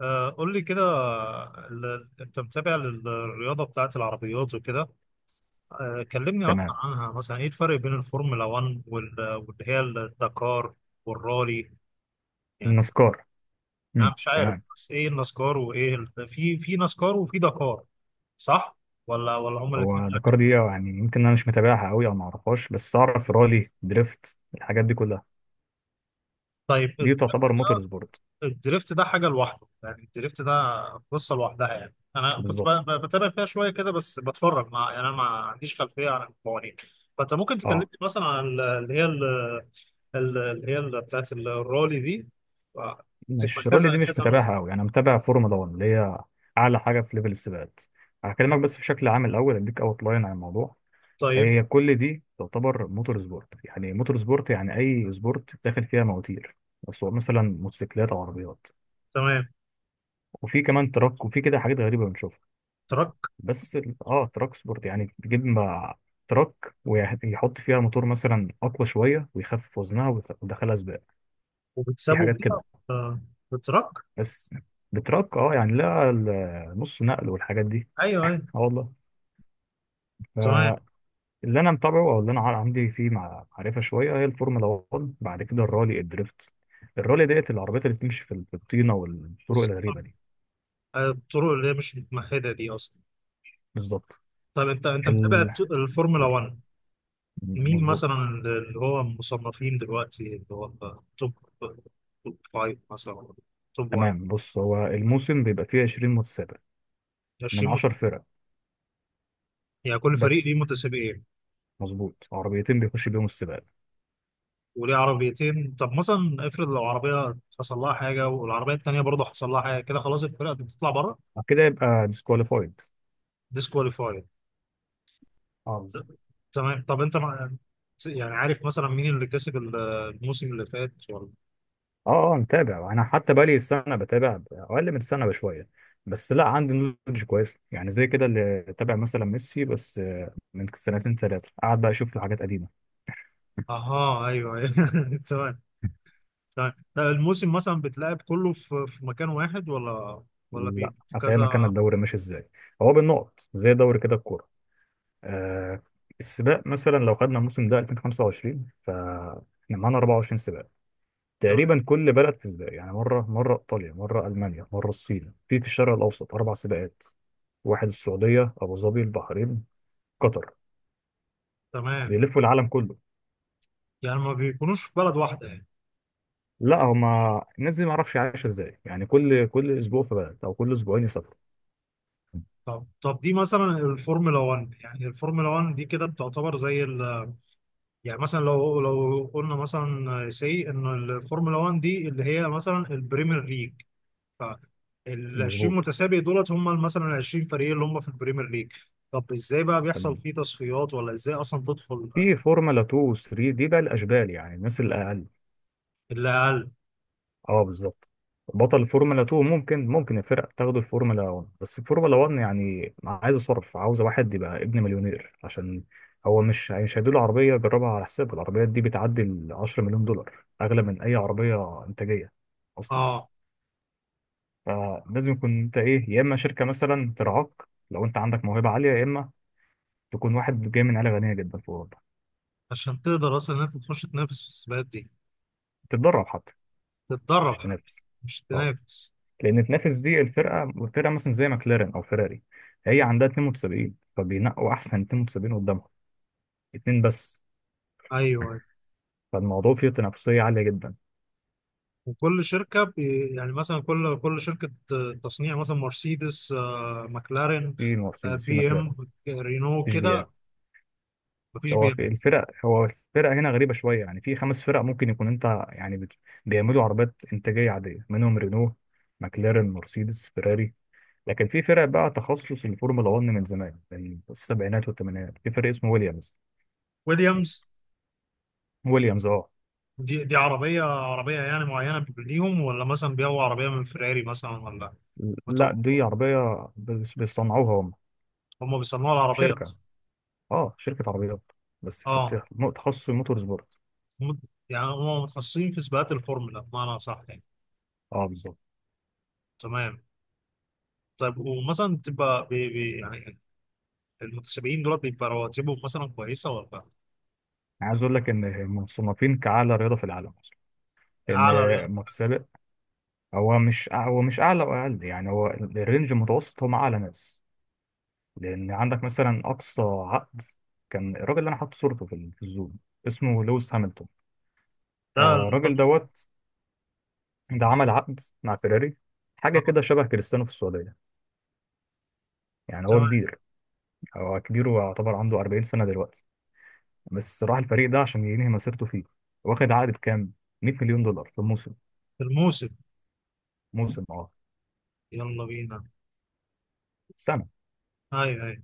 آه، قول لي كده. انت متابع للرياضه بتاعت العربيات وكده. آه، كلمني اكتر تمام. عنها مثلا ايه الفرق بين الفورمولا 1 واللي هي الدكار والرالي يعني. النسكار. انا مش عارف، تمام. بس ايه النسكار وايه في نسكار وفي دكار، صح؟ ولا هما الاثنين هو الدكار واحد؟ دي يعني يمكن انا مش متابعها قوي او ما اعرفهاش، بس اعرف رالي، دريفت، الحاجات دي كلها، طيب. دي تعتبر موتور سبورت. الدريفت ده حاجة لوحده، يعني الدريفت ده قصة لوحدها. يعني أنا كنت بالظبط. بتابع فيها شوية كده، بس بتفرج مع يعني. أنا ما عنديش خلفية عن القوانين. فأنت ممكن تكلمني اه، مثلا عن اللي هي اللي هي بتاعت الرالي دي. بتبقى مش رالي، كذا دي مش كذا نوع. متابعها قوي. انا متابع فورمولا 1، اللي هي اعلى حاجه في ليفل السباقات. هكلمك بس بشكل عام الاول، اديك اوت لاين عن الموضوع. طيب هي كل دي تعتبر موتور سبورت، يعني موتور سبورت يعني اي سبورت داخل فيها مواتير، بس هو مثلا موتوسيكلات او عربيات. تمام. وفي كمان تراك، وفي كده حاجات غريبه بنشوفها. تراك، بس اه، تراك سبورت يعني بتجيب مع تراك، ويحط فيها موتور مثلا اقوى شويه، ويخفف وزنها، ويدخلها سباق. في وبتسابوا حاجات بيها؟ كده. آه، بالتراك. بس بتراك، اه، يعني لا نص نقل والحاجات دي. أيوه أيوه اه والله. تمام، فاللي انا متابعه، او اللي انا عندي فيه معرفه شويه، هي الفورمولا 1، بعد كده الرالي، الدريفت. الرالي ديت العربيات اللي بتمشي في الطينه والطرق بس الغريبه دي. آه، الطرق اللي هي مش متمهدة دي أصلا. بالظبط. طيب، أنت متابع ال... الفورمولا 1. مين مثلا مظبوط. اللي هو مصنفين دلوقتي، اللي هو توب توب فايف مثلا ولا توب 1؟ تمام، بص، هو الموسم بيبقى فيه 20 متسابق من 20. 10 فرق. يعني كل فريق ليه بس متسابقين، مظبوط، عربيتين بيخش بيهم السباق. وليه عربيتين؟ طب مثلا افرض لو عربية حصل لها حاجة والعربية التانية برضه حصل لها حاجة، كده خلاص الفرقة دي بتطلع بره؟ بعد كده يبقى ديسكواليفايد. ديسكواليفاي. اه بالظبط. تمام. طب انت مع... يعني عارف مثلا مين اللي كسب الموسم اللي فات ولا؟ اه اه، متابع انا، حتى بقالي السنه بتابع، اقل من السنه بشويه، بس لا، عندي نولج كويس. يعني زي كده اللي تابع مثلا ميسي، بس آه، من سنتين ثلاثه قعد بقى اشوف حاجات قديمه. اها، ايوه أيوة. تمام. تمام. طب الموسم مثلا بتلعب كله في مكان واحد ولا؟ ولا لا في افهمك، انا كذا. الدوري ماشي ازاي. هو بالنقط زي دوري كده الكوره. آه. السباق مثلا لو خدنا الموسم ده 2025، فاحنا معانا 24 سباق تم- تقريبا. كل بلد في سباق، يعني مره مره ايطاليا، مره المانيا، مره الصين، في الشرق الاوسط اربع سباقات، واحد السعوديه، ابو ظبي، البحرين، قطر. تمام. بيلفوا العالم كله. يعني ما بيكونوش في بلد واحدة يعني. لا، هما الناس دي ما اعرفش عايشه ازاي، يعني كل كل اسبوع في بلد، او كل اسبوعين يسافروا. طب دي مثلا الفورمولا 1. يعني الفورمولا 1 دي كده بتعتبر زي ال، يعني مثلا، لو قلنا مثلا سي ان الفورمولا 1 دي اللي هي مثلا البريمير ليج. ف، ال 20 مظبوط. متسابق دولت هم مثلا ال 20 فريق اللي هم في البريمير ليج. طب ازاي بقى بيحصل تمام. فيه تصفيات، ولا ازاي اصلا تدخل؟ في فورمولا 2 و 3، دي بقى الاشبال، يعني الناس الاقل. اللي اقل. اه بالظبط. بطل الفورمولا 2 ممكن، الفرق تاخده الفورمولا 1، بس الفورمولا 1 يعني عايزه صرف، عاوزه واحد يبقى ابن مليونير، عشان هو مش هيديله عربيه يجربها على حسابه. العربيات دي بتعدي ال 10 مليون دولار، اغلى من اي عربيه انتاجيه اصلا. اه. فلازم يكون انت ايه، يا اما شركه مثلا ترعاك لو انت عندك موهبه عاليه، يا اما تكون واحد جاي من عيله غنيه جدا في اوروبا. عشان تقدر اصلا ان انت تخش تنافس في السباقات دي. تتدرب حتى، مش تتدرب حتى. تنافس. مش اه، تنافس. لان تنافس دي الفرقه، فرقه مثلا زي ماكلارين او فيراري، هي عندها 72، فبينقوا احسن 72 قدامهم، اتنين بس. ايوه أيوه. فالموضوع فيه تنافسيه عاليه جدا. وكل شركة بي يعني، مثلا كل شركة تصنيع، مثلا مرسيدس، آه، ماكلارين، في آه، مرسيدس، في بي ام، ماكلارين، رينو في جي بي ار. كده. مفيش بي ام. هو الفرق هنا غريبه شويه، يعني في خمس فرق ممكن يكون انت، يعني بيعملوا عربيات انتاجيه عاديه، منهم رينو، ماكلارين، مرسيدس، فيراري. لكن في فرق بقى تخصص الفورمولا 1 من زمان، من السبعينات والثمانينات، في فرق اسمه ويليامز مثلا. ويليامز. ويليامز اه. دي عربية عربية يعني معينة ليهم، ولا مثلا بيبيعوا عربية من فيراري مثلا ولا؟ لا، بتوع- دي عربية بيصنعوها هم. هم بيصنعوا العربية شركة، أصلا. اه شركة عربيات، بس في اه. تخصص الموتور سبورت. هم- يعني هم متخصصين في سباقات الفورمولا بمعنى صح يعني. اه بالظبط. تمام. طيب، ومثلا تبقى بي يعني المتسابقين دول بيبقى رواتبهم مثلا كويسة ولا؟ أنا عايز اقول لك ان مصنفين كأعلى رياضة في العالم اصلا، ان أعلى. متسابق هو مش أع- هو مش اعلى واقل، يعني هو الرينج المتوسط هم اعلى ناس. لان عندك مثلا اقصى عقد، كان الراجل اللي انا حاطط صورته في الزوم، اسمه لويس هامilton. ده. آه الراجل دوت. ده عمل عقد مع فيراري، حاجة كده شبه كريستيانو في السعودية. يعني هو تمام. كبير، هو كبير، ويعتبر عنده 40 سنة دلوقتي، بس راح الفريق ده عشان ينهي مسيرته فيه. واخد عقد بكام؟ 100 مليون دولار في موسم. في الموسم. موسم اه، يلا بينا. سنة. ايوه ايوه.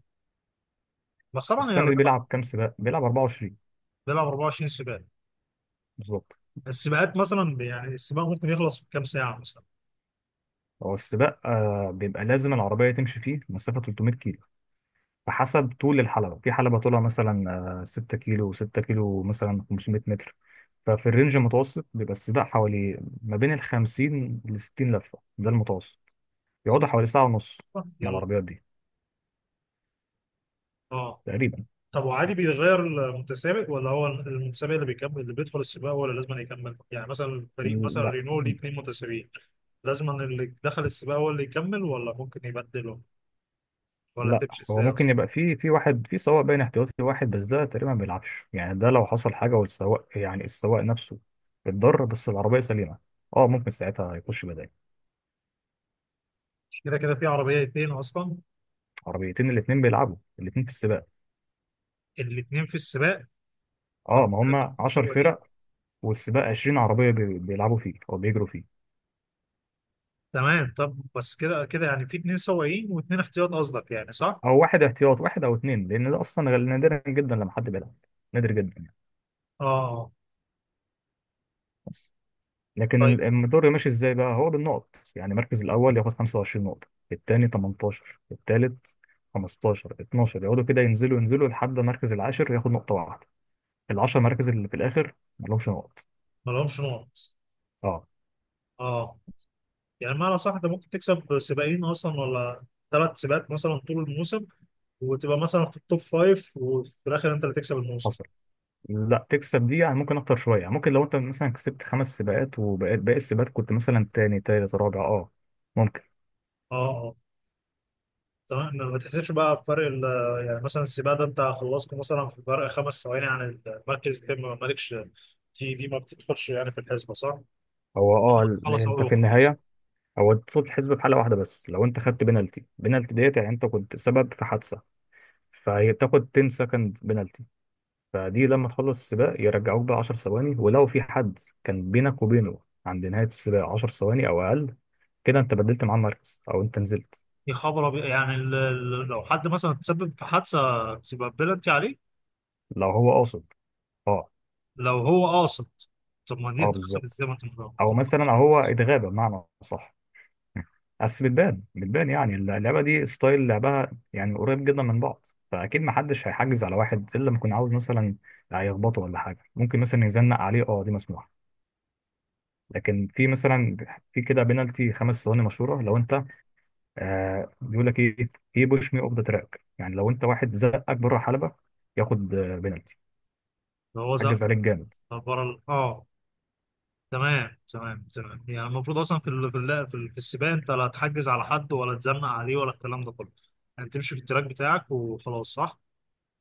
بس طبعا هي السنة دي الرياضه. بيلعب كام سباق؟ بيلعب 24. بيلعب 24 سباق. بالظبط. السباقات مثلا يعني السباق ممكن يخلص في كام ساعه مثلا؟ هو السباق آه، بيبقى لازم العربية تمشي فيه مسافة 300 كيلو. فحسب طول الحلبة، في حلبة طولها مثلا آه 6 كيلو، 6 كيلو مثلا 500 متر. ففي الرينج المتوسط بيبقى السباق حوالي ما بين ال 50 ل 60 لفة، ده المتوسط، يقعدوا حوالي ساعة ونص مع يلا. العربيات دي اه. تقريبا. طب وعادي بيتغير المتسابق، ولا هو المتسابق اللي بيكمل، اللي بيدخل السباق هو اللي لازم يكمل؟ يعني مثلا الفريق مثلا لا. رينو ليه اثنين متسابقين. لازم اللي دخل السباق هو اللي يكمل ولا ممكن يبدله؟ ولا لا تمشي هو ازاي ممكن اصلا؟ يبقى في واحد في سواق باين احتياطي واحد، بس ده تقريبا ما بيلعبش، يعني ده لو حصل حاجه والسواق، يعني السواق نفسه اتضر بس العربيه سليمه، اه، ممكن ساعتها يخش بداية. مش كده كده في عربيه اتنين اصلا. عربيتين، الاتنين بيلعبوا، الاتنين في السباق. الاتنين في السباق. طب اه، ما كده هم في اتنين 10 سواقين. فرق والسباق 20 عربيه بيلعبوا فيه او بيجروا فيه. تمام. طب بس كده كده يعني في اتنين سواقين واتنين احتياط قصدك، يعني صح؟ او واحد احتياط، واحد او اتنين، لان ده اصلا نادرا جدا لما حد بيلعب، نادر جدا يعني. اه آه. بس. لكن طيب. الدوري ماشي ازاي بقى، هو بالنقط. يعني المركز الاول ياخد 25 نقطه، الثاني 18، الثالث 15، 12، يقعدوا كده ينزلوا ينزلوا لحد المركز العاشر ياخد نقطه واحده. العشر مراكز اللي في الاخر ما لهمش نقط. مالهمش نقط. اه. اه. يعني معنى صح ده ممكن تكسب سباقين اصلا ولا ثلاث سباقات مثلا طول الموسم وتبقى مثلا في التوب فايف وفي الاخر انت اللي تكسب الموسم؟ حصل. لا تكسب دي يعني ممكن اكتر شويه، يعني ممكن لو انت مثلا كسبت خمس سباقات، وباقي السباقات كنت مثلا تاني تالت رابع، اه ممكن. اه اه. تمام. ما بتحسبش بقى فرق يعني مثلا السباق ده انت خلصته مثلا في فرق خمس ثواني عن المركز التاني ما مالكش. دي ما بتدخلش يعني في الحسبه صح؟ هو اه، خلص انت اول في وخلاص. النهايه، هو طول الحسبه في حاله واحده، بس لو انت خدت بنالتي، بنالتي ديت يعني انت كنت سبب في حادثه، فهي بتاخد 10 سكند بنالتي، فدي لما تخلص السباق يرجعوك بقى 10 ثواني، ولو في حد كان بينك وبينه عند نهاية السباق 10 ثواني أو أقل، كده أنت بدلت معاه المركز أو أنت نزلت. يا خبر أبيض. يعني لو حد مثلا تسبب في حادثه بتبقى بلنتي عليه؟ لو هو قاصد. أه. لو هو قاصد. طب ما دي أه تتحسب بالظبط. ازاي ما انت مش أو قاصد؟ مثلا أو هو اتغاب بمعنى صح، بس بتبان، يعني اللعبة دي ستايل لعبها يعني قريب جدا من بعض، فأكيد محدش هيحجز على واحد إلا لما يكون عاوز مثلا هيخبطه ولا حاجة. ممكن مثلا يزنق عليه، أه دي مسموحة، لكن في مثلا في كده بينالتي خمس ثواني مشهوره، لو انت آه بيقول لك ايه، ايه بوش مي اوف ذا تراك، يعني لو انت واحد زقك بره الحلبه ياخد آه، بينالتي، لو هو زق حجز عليك جامد. بره اه. تمام تمام تمام. يعني المفروض اصلا في السباق انت لا تحجز على حد ولا تزنق عليه ولا الكلام ده كله. يعني تمشي في التراك بتاعك وخلاص صح؟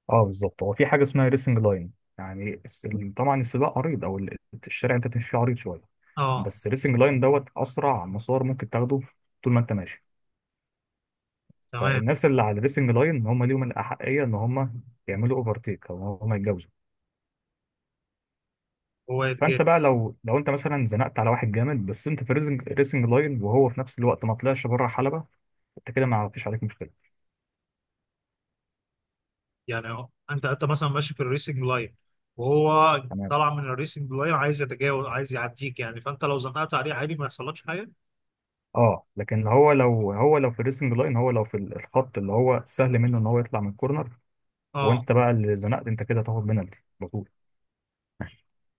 اه بالظبط. هو في حاجه اسمها ريسنج لاين، يعني طبعا السباق عريض الشارع انت بتمشي فيه عريض شويه، اه بس الريسنج لاين دوت اسرع مسار ممكن تاخده طول ما انت ماشي. تمام. فالناس اللي على الريسنج لاين هم ليهم الاحقيه ان هم يعملوا اوفرتيك او هم يتجاوزوا. هو فانت يتجاهل. بقى لو انت مثلا زنقت على واحد جامد، بس انت في ريسنج لاين، وهو في نفس الوقت ما طلعش بره حلبة، انت كده ما فيش عليك مشكله. يعني اه انت مثلا ماشي في الريسنج لاين، وهو تمام. طالع من الريسنج لاين عايز يتجاوز، عايز يعديك يعني. فانت لو زنقت عليه عادي ما يحصلكش حاجه. اه، لكن هو لو في الريسنج لاين، هو لو في الخط اللي هو سهل منه ان هو يطلع من الكورنر، اه وانت بقى اللي زنقت، انت كده تاخد بنالتي على طول.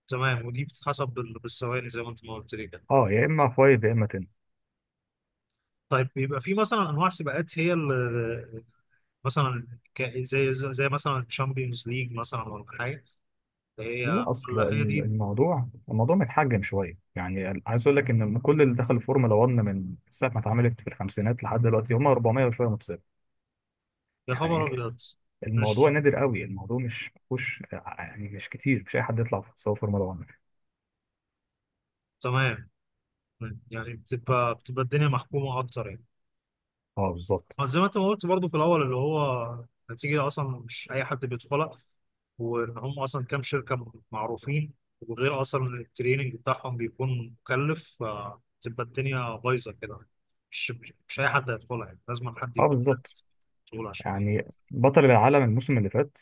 تمام. ودي بتتحسب بالثواني زي ما انت ما قلت لي كده. اه، يا اما فايف يا اما 10. طيب، بيبقى في مثلا انواع سباقات هي اللي مثلا، زي مثلا تشامبيونز ليج مثلا ولا حاجه؟ لا هي. اصل ولا هي دي؟ الموضوع متحجم شويه، يعني عايز اقول لك ان كل اللي دخل الفورمولا 1 من ساعه ما اتعملت في الخمسينات لحد دلوقتي، هم 400 وشويه متسابق. يا خبر يعني ابيض. الموضوع مش. نادر قوي، الموضوع مش مفهوش، يعني مش كتير، مش اي حد يطلع في سواء فورمولا 1. تمام. يعني بس. بتبقى الدنيا محكومه اكتر يعني. اه بالظبط. ما زي ما انت ما قلت برضه في الاول اللي هو، نتيجه اصلا مش اي حد بيدخلها، وان هم اصلا كام شركه معروفين، وغير اصلا التريننج بتاعهم بيكون مكلف فتبقى الدنيا بايظه كده. مش. مش اي حد هيدخلها يعني، لازم حد اه يكون بالظبط. مسؤول عشان. يعني بطل العالم الموسم اللي فات،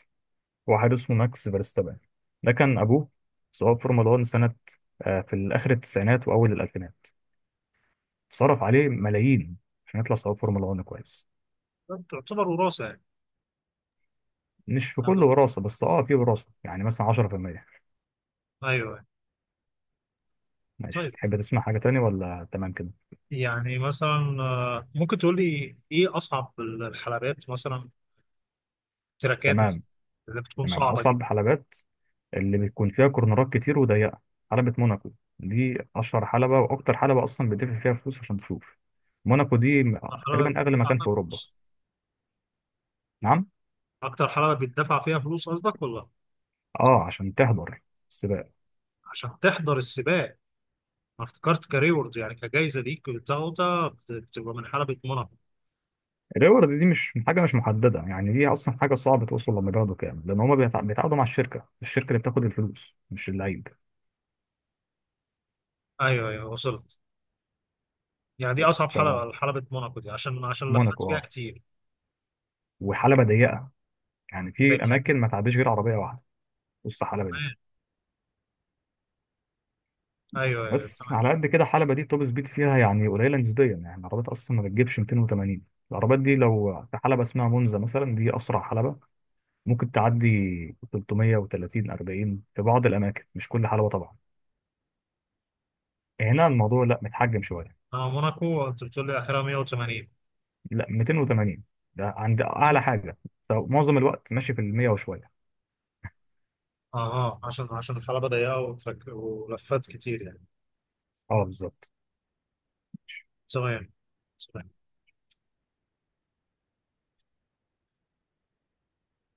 هو حارس اسمه ماكس فيرستابن، ده كان ابوه سواق فورمولا 1 سنه آه، في الاخر التسعينات واول الالفينات، صرف عليه ملايين عشان يطلع سواق فورمولا 1 كويس. كده تعتبر وراثه يعني. مش في كل وراثه، بس اه في وراثه يعني مثلا 10%. ايوه أيوة. ماشي، طيب، تحب تسمع حاجه تاني ولا تمام كده. يعني مثلا آه، ممكن تقول لي ايه اصعب الحلبات مثلا، تراكات مثلا تمام. اللي بتكون تمام، صعبه أصعب جدا؟ حلبات اللي بيكون فيها كورنرات كتير وضيقة، حلبة موناكو. دي أشهر حلبة، وأكتر حلبة أصلا بتدفع فيها فلوس عشان تشوف. موناكو دي الحلبه. تقريبا أغلى مكان في أوروبا. نعم. اكتر حلبة بيدفع فيها فلوس قصدك ولا؟ اه عشان تحضر السباق. عشان تحضر السباق. انا افتكرت كريورد يعني كجايزة ليك بتاخدها بتبقى من حلبة موناكو. الريورد دي مش حاجة، مش محددة، يعني دي أصلا حاجة صعبة توصل لمبلغ كام، لأن هما بيتعاقدوا مع الشركة، الشركة اللي بتاخد الفلوس مش اللعيب. ايوه ايوه وصلت. يعني دي بس اصعب ف، حلبة، حلبة موناكو دي، عشان لفت موناكو فيها اه، كتير. وحلبة ضيقة يعني في وضيقت أماكن ما تعديش غير عربية واحدة وسط الحلبة دي. كمان. ايوه ايوه بس تمام. على قد كده حلبة دي توب سبيد فيها يعني قليلة نسبيا، يعني العربيات أصلا ما بتجيبش 280. العربيات دي لو في حلبة اسمها مونزا مثلا، دي أسرع حلبة، ممكن تعدي 330، 40 في بعض الأماكن، مش كل حلبة طبعا، هنا الموضوع لا متحجم شوية. اه موناكو انت بتقول لي اخرها 180؟ لا 280، ده عند أعلى حاجة، فمعظم الوقت ماشي في المية وشوية. اه اه عشان الحلبة ضيقة، ولفت كتير يعني. اه بالظبط. تمام.